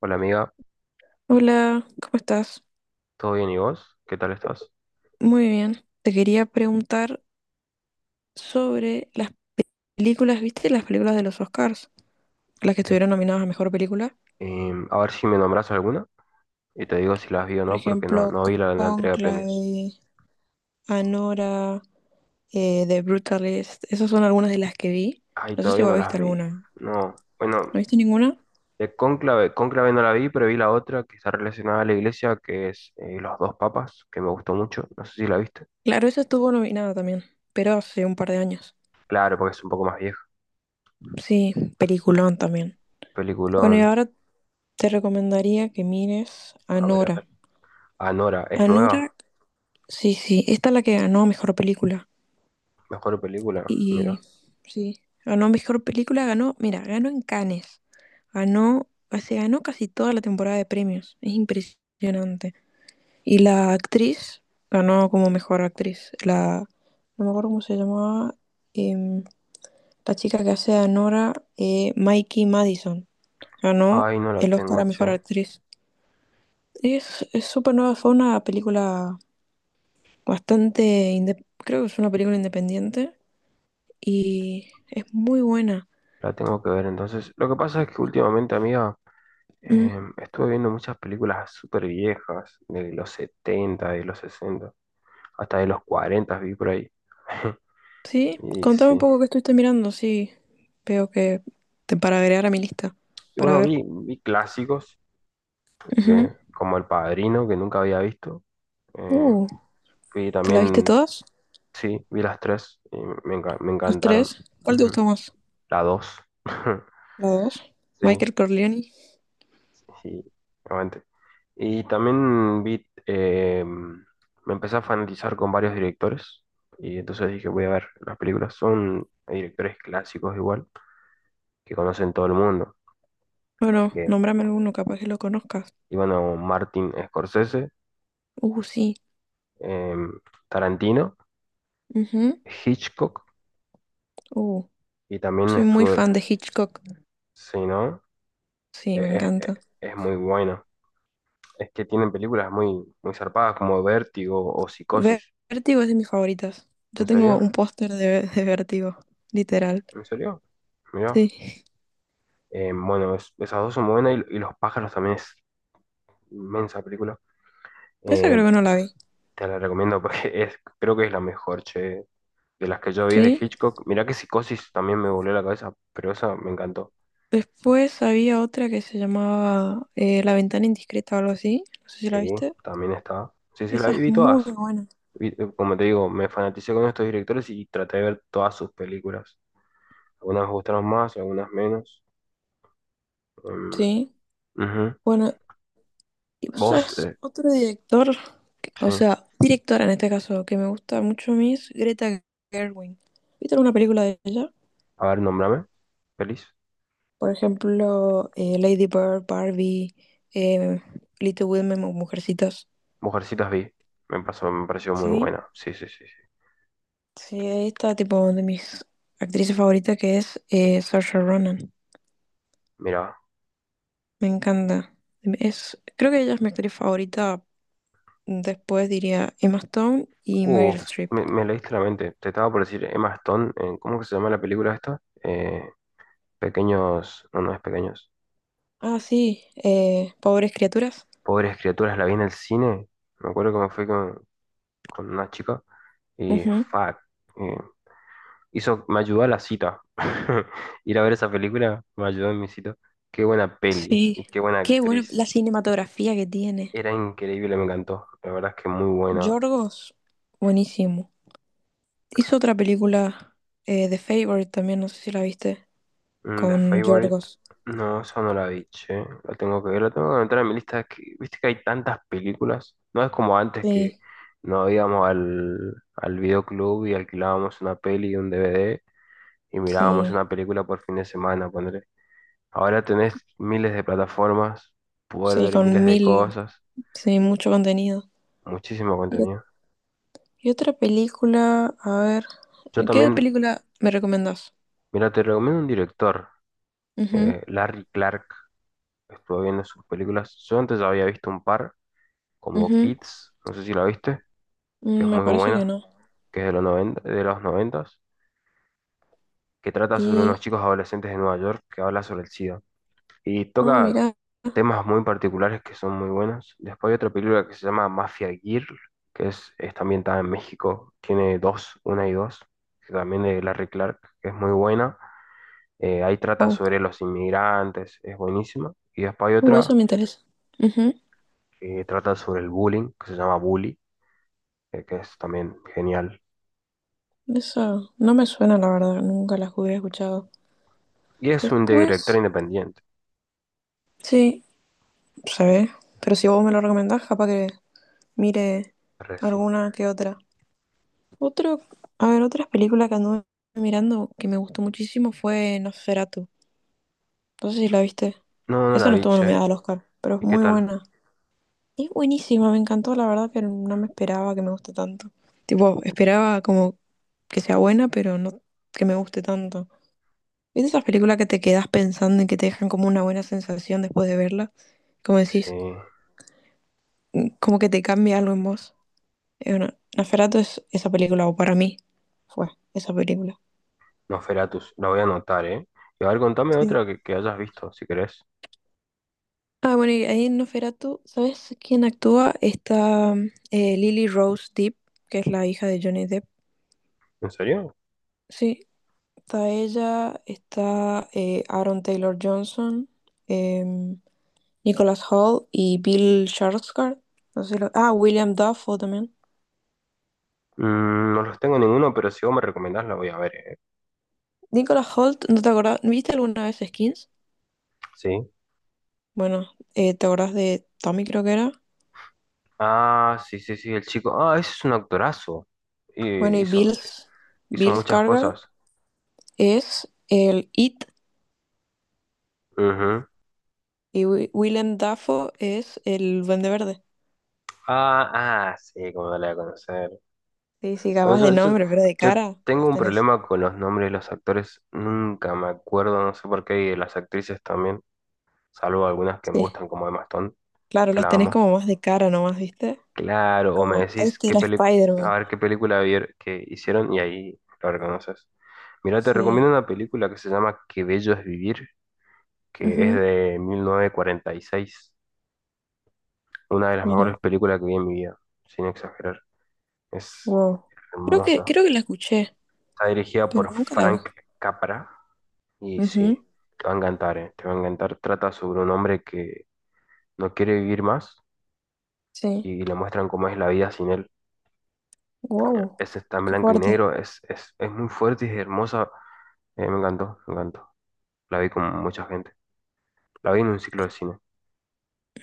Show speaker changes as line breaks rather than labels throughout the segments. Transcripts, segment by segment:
Hola amiga,
Hola, ¿cómo estás?
¿todo bien y vos? ¿Qué tal estás?
Muy bien. Te quería preguntar sobre las películas, ¿viste? Las películas de los Oscars, las que
Eh,
estuvieron nominadas a mejor película.
a ver si me nombras alguna y te digo si las vi o
Por
no, porque no,
ejemplo,
no vi la entrega de premios.
Conclave, Anora, The Brutalist. Esas son algunas de las que vi.
Ay,
No sé si
todavía no
vos
las
viste
vi.
alguna.
No,
¿No
bueno,
viste ninguna?
de Cónclave no la vi, pero vi la otra que está relacionada a la iglesia, que es Los dos papas, que me gustó mucho. No sé si la viste.
Claro, esa estuvo nominada también, pero hace un par de años.
Claro, porque es un poco más vieja.
Sí, peliculón también. Bueno, y
Peliculón.
ahora te recomendaría que mires
A ver, a ver.
Anora.
Anora, ¿es nueva?
Anora. Sí, sí, esta es la que ganó mejor película.
Mejor película, mira.
Y sí, ganó mejor película, ganó, mira, ganó en Cannes. Ganó, se ganó casi toda la temporada de premios. Es impresionante. Y la actriz ganó como mejor actriz. La, no me acuerdo cómo se llamaba, em, la chica que hace a Nora, Mikey Madison. Ganó
Ay, no la
el Oscar
tengo,
a mejor
che.
actriz. Es súper nueva, fue una película bastante, creo que es una película independiente y es muy buena.
La tengo que ver entonces. Lo que pasa es que últimamente, amiga.
Mm,
Estuve viendo muchas películas súper viejas, de los 70 de los 60 hasta de los 40 vi por ahí.
Sí,
Y
contame un
sí.
poco qué estuviste mirando, sí. Veo que te para agregar a mi lista,
Y
para
bueno,
ver.
vi clásicos,
Ujú.
que, como El Padrino, que nunca había visto. Eh,
Uh,
Vi
¿Te la viste
también,
todas?
sí, vi las tres y me
¿Los
encantaron.
tres? ¿Cuál te
Ujú.
gustó más?
La dos.
¿La dos?
Sí,
Michael Corleone.
sí, aguante. Y también vi, me empecé a fanatizar con varios directores y entonces dije, voy a ver las películas. Son directores clásicos igual, que conocen todo el mundo.
Bueno,
Que,
nómbrame alguno, capaz que lo conozcas.
y bueno, Martin Scorsese,
Sí.
eh, Tarantino,
Ujú.
Hitchcock
Uh,
y también
soy muy
estuve,
fan de Hitchcock.
si no.
Sí, me
Eh, es,
encanta.
es- es muy bueno. Es que tienen películas muy, muy zarpadas como Vértigo o
Ver-
Psicosis.
Vértigo es de mis favoritas. Yo
¿En
tengo
serio?
un póster de Vértigo, literal.
¿En serio? Mirá.
Sí.
Bueno, esas dos son muy buenas y Los pájaros también es inmensa película.
Esa
Eh,
creo que no la vi.
Te la recomiendo porque es, creo que es la mejor, che, de las que yo vi de
¿Sí?
Hitchcock. Mirá que Psicosis también me volvió la cabeza, pero esa me encantó.
Después había otra que se llamaba La ventana indiscreta o algo así. No sé si
Sí,
la viste.
también está. Sí, sí, la
Esa
vi,
es muy
todas.
buena.
Vi- como te digo, me fanaticé con estos directores y traté de ver todas sus películas. Algunas me gustaron más, algunas menos. Em,
Sí.
Ujú.
Bueno, y vos
Vos,
sabés, otro director,
sí.
o sea, directora en este caso, que me gusta mucho a mí es Greta Gerwig. ¿Viste alguna película de ella?
A ver, nombrame. Feliz.
Por ejemplo, Lady Bird, Barbie, eh, Little Women o Mujercitas.
Mujercitas vi. Me pasó, me pareció muy
Sí.
buena. Sí, sí, sí, sí.
Sí, ahí está tipo de mis actrices favoritas que es Saoirse Ronan.
Mira,
Me encanta. Es, creo que ella es mi actriz favorita. Después diría Emma Stone y Meryl
uff,
Streep.
me leíste la mente. Te estaba por decir Emma Stone. ¿Cómo que se llama la película esta? Pequeños, no, no es pequeños.
Ah, sí, Pobres Criaturas.
Pobres criaturas, la vi en el cine. Me acuerdo que me fui con una chica y
Ujú.
fuck, eh, me ayudó a la cita. Ir a ver esa película me ayudó en mi cita. Qué buena peli y
Sí,
qué buena
qué bueno
actriz.
la cinematografía que tiene.
Era increíble, me encantó. La verdad es que muy buena.
Yorgos, buenísimo. Hizo otra película, The Favorite también, no sé si la viste,
Mm, The
con
Favorite.
Yorgos.
No, esa no la vi, che. La tengo que ver, la tengo que entrar en mi lista. Es que, viste que hay tantas películas. No es como antes que
Sí,
no íbamos al, al videoclub y alquilábamos una peli y un DVD y mirábamos
sí,
una película por fin de semana, ponele. Ahora tenés miles de plataformas, poder
sí,
ver
con
miles de
mil,
cosas,
sí, mucho contenido.
muchísimo
Y,
contenido.
y otra película, a ver,
Yo
¿qué
también,
película me recomendás?
mira, te recomiendo un director,
Ujú,
Larry Clark. Estuve viendo sus películas. Yo antes había visto un par, como
ujú.
Kids, no sé si la viste. Que es
Mm, me
muy
parece que
buena,
no.
que es de los 90 de los 90, que trata sobre unos
Y,
chicos adolescentes de Nueva York que habla sobre el SIDA. Y
ah,
toca
mira,
temas muy particulares que son muy buenos. Después hay otra película que se llama Mafia Girl, que es, está ambientada en México, tiene dos, una y dos, que también de Larry Clark, que es muy buena. Ahí trata
oh,
sobre los inmigrantes, es buenísima. Y después hay
eso
otra
me interesa. Ujú.
que trata sobre el bullying, que se llama Bully, que es también genial.
Eso no me suena, la verdad, nunca las hubiera escuchado.
Y es un director
Después,
independiente,
sí, se ve, pero si vos me lo recomendás, capaz que mire
re, sí.
alguna que otra. Otro, a ver, otras películas que anduve mirando que me gustó muchísimo fue Nosferatu. No sé si la viste.
No, no
Esa
la
no
vi,
estuvo
che.
nominada al Oscar, pero es
¿Y qué
muy
tal?
buena. Es buenísima, me encantó, la verdad, pero no me esperaba que me guste tanto. Tipo, esperaba como que sea buena, pero no que me guste tanto. ¿Viste esas películas que te quedas pensando y que te dejan como una buena sensación después de verla? Como
Sí,
decís, como que te cambia algo en vos. Bueno, Nosferatu es esa película, o para mí fue esa película.
Nosferatus, la voy a anotar, ¿eh? Y a ver, contame
Sí.
otra que hayas visto, si querés.
Ah, bueno, y ahí en Nosferatu, ¿sabes quién actúa? Está Lily Rose Depp, que es la hija de Johnny Depp.
¿En serio?
Sí, está ella, está Aaron Taylor Johnson, em, Nicholas Hoult y Bill Skarsgård. No sé si lo- Ah, William Dafoe también.
Mm, no los tengo ninguno, pero si vos me recomendás la voy a ver, ¿eh?
Nicholas Hoult, ¿no te acordás? ¿No ¿Viste alguna vez Skins?
Sí.
Bueno, ¿te acordás de Tommy, creo que era?
Ah, sí, sí, sí, el chico. Ah, ese es un actorazo.
Bueno,
Y hizo, hizo
Bill
muchas
Skarsgård
cosas.
es el It
Ujú.
y William Dafoe es el Duende Verde.
Ah, ah, sí, como no la voy a conocer.
Sí, sí,
Bueno,
capaz
yo,
de
yo,
nombre, pero de
yo
cara
tengo
los
un
tenés.
problema con los nombres de los actores. Nunca me acuerdo, no sé por qué, y de las actrices también, salvo algunas que me
Sí,
gustan como Emma Stone.
claro,
Que
los
la
tenés
vamos.
como más de cara nomás, ¿viste?
Claro, o me
Como,
decís
este
qué
era
película, a
Spider-Man.
ver qué película que hicieron y ahí lo reconoces. Mira, te
Sí.
recomiendo una película que se llama Qué bello es vivir, que es
Ujú.
de 1946. Una de las mejores
Mira.
películas que vi en mi vida, sin exagerar. Es
Wow.
hermosa.
Creo que la escuché,
Está dirigida
pero
por
nunca la vi.
Frank Capra y sí,
Ujú.
te va a encantar, te va a encantar. Trata sobre un hombre que no quiere vivir más
Sí.
y le muestran cómo es la vida sin él.
Wow.
Esta está en
Qué
blanco y
fuerte.
negro, es muy fuerte y es hermosa. Me encantó, me encantó. La vi con mucha gente. La vi en un ciclo de cine.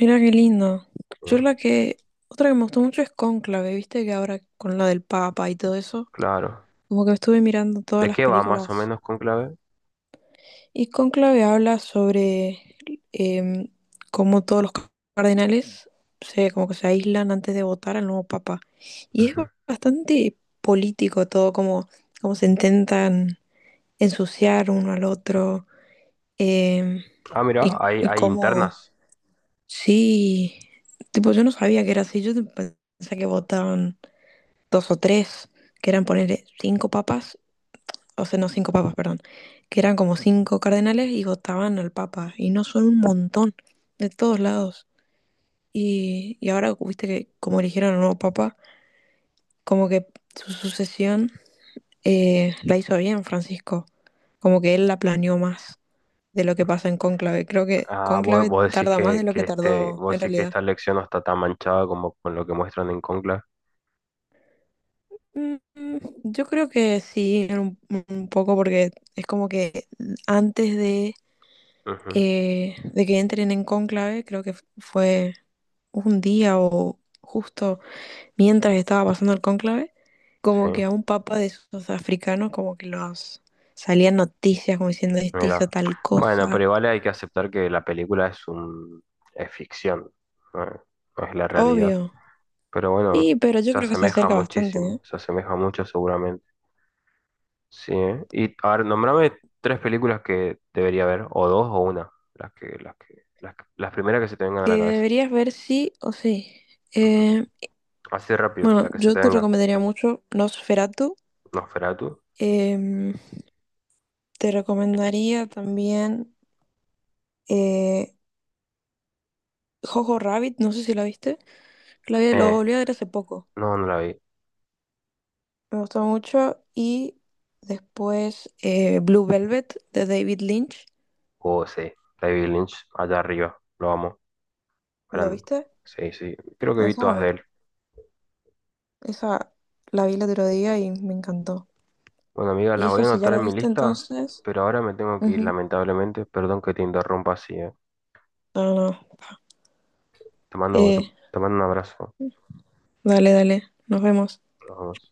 Mira qué lindo. Yo
Eh,
la que. Otra que me gustó mucho es Cónclave. Viste que ahora con la del Papa y todo eso.
claro.
Como que estuve mirando todas
¿De
las
qué va más o
películas.
menos Conclave?
Y Cónclave habla sobre em, cómo todos los cardenales se, como que se aíslan antes de votar al nuevo Papa. Y es
Ujú.
bastante político todo, como, como se intentan ensuciar uno al otro. em,
Ah,
y,
mira, hay,
y
hay
como,
internas.
sí, tipo, yo no sabía que era así. Yo pensé que votaban dos o tres, que eran ponerle cinco papas, o sea, no cinco papas, perdón, que eran como cinco cardenales y votaban al papa. Y no son un montón, de todos lados. Y ahora, viste que como eligieron al nuevo papa, como que su sucesión la hizo bien Francisco, como que él la planeó más de lo que pasa en Cónclave. Creo que
Ah, vos,
Cónclave
vos decís
tarda más de lo
que
que
este,
tardó en
vos decís que
realidad.
esta lección no está tan manchada como con lo que muestran en Conclave.
Mm, mm, Yo creo que sí, un poco porque es como que antes
Ujú,
de que entren en Cónclave, creo que fue un día o justo mientras estaba pasando el cónclave,
sí,
como que a un papa de esos africanos, como que los salían noticias como diciendo este hizo
mira.
tal
Bueno,
cosa,
pero igual hay que aceptar que la película es un, es ficción, no es no es la realidad.
obvio.
Pero bueno,
Y pero yo
se
creo que se
asemeja
acerca bastante,
muchísimo,
¿eh?
se asemeja mucho seguramente. Sí, ¿eh? Y a ver, nombrame tres películas que debería ver, o dos o una, las primeras que se te vengan a la
Que
cabeza.
deberías ver sí o sí.
Ujú.
Eh,
Así rápido,
bueno,
la que se
yo
te
te
venga.
recomendaría mucho Nosferatu.
Nosferatu.
Em, te recomendaría también eh, Jojo Rabbit, no sé si la viste. Lo
Eh,
volví a ver hace poco.
no, no la vi.
Me gustó mucho. Y después Blue Velvet de David Lynch.
Oh, sí, David Lynch, allá arriba, lo amo.
¿Lo
Gran.
viste?
Sí, sí, creo que vi
¿Esa o
todas
no?
de él.
Esa la vi el otro día y me encantó.
Bueno, amigas,
Y
las voy
esa
a
si ya
anotar
la
en mi
viste
lista,
entonces.
pero ahora me tengo que ir,
Ujú.
lamentablemente. Perdón que te interrumpa así, eh.
No, no, no.
Te mando, te,
Eh,
te mando un abrazo.
dale, dale. Nos vemos.
Nos vemos.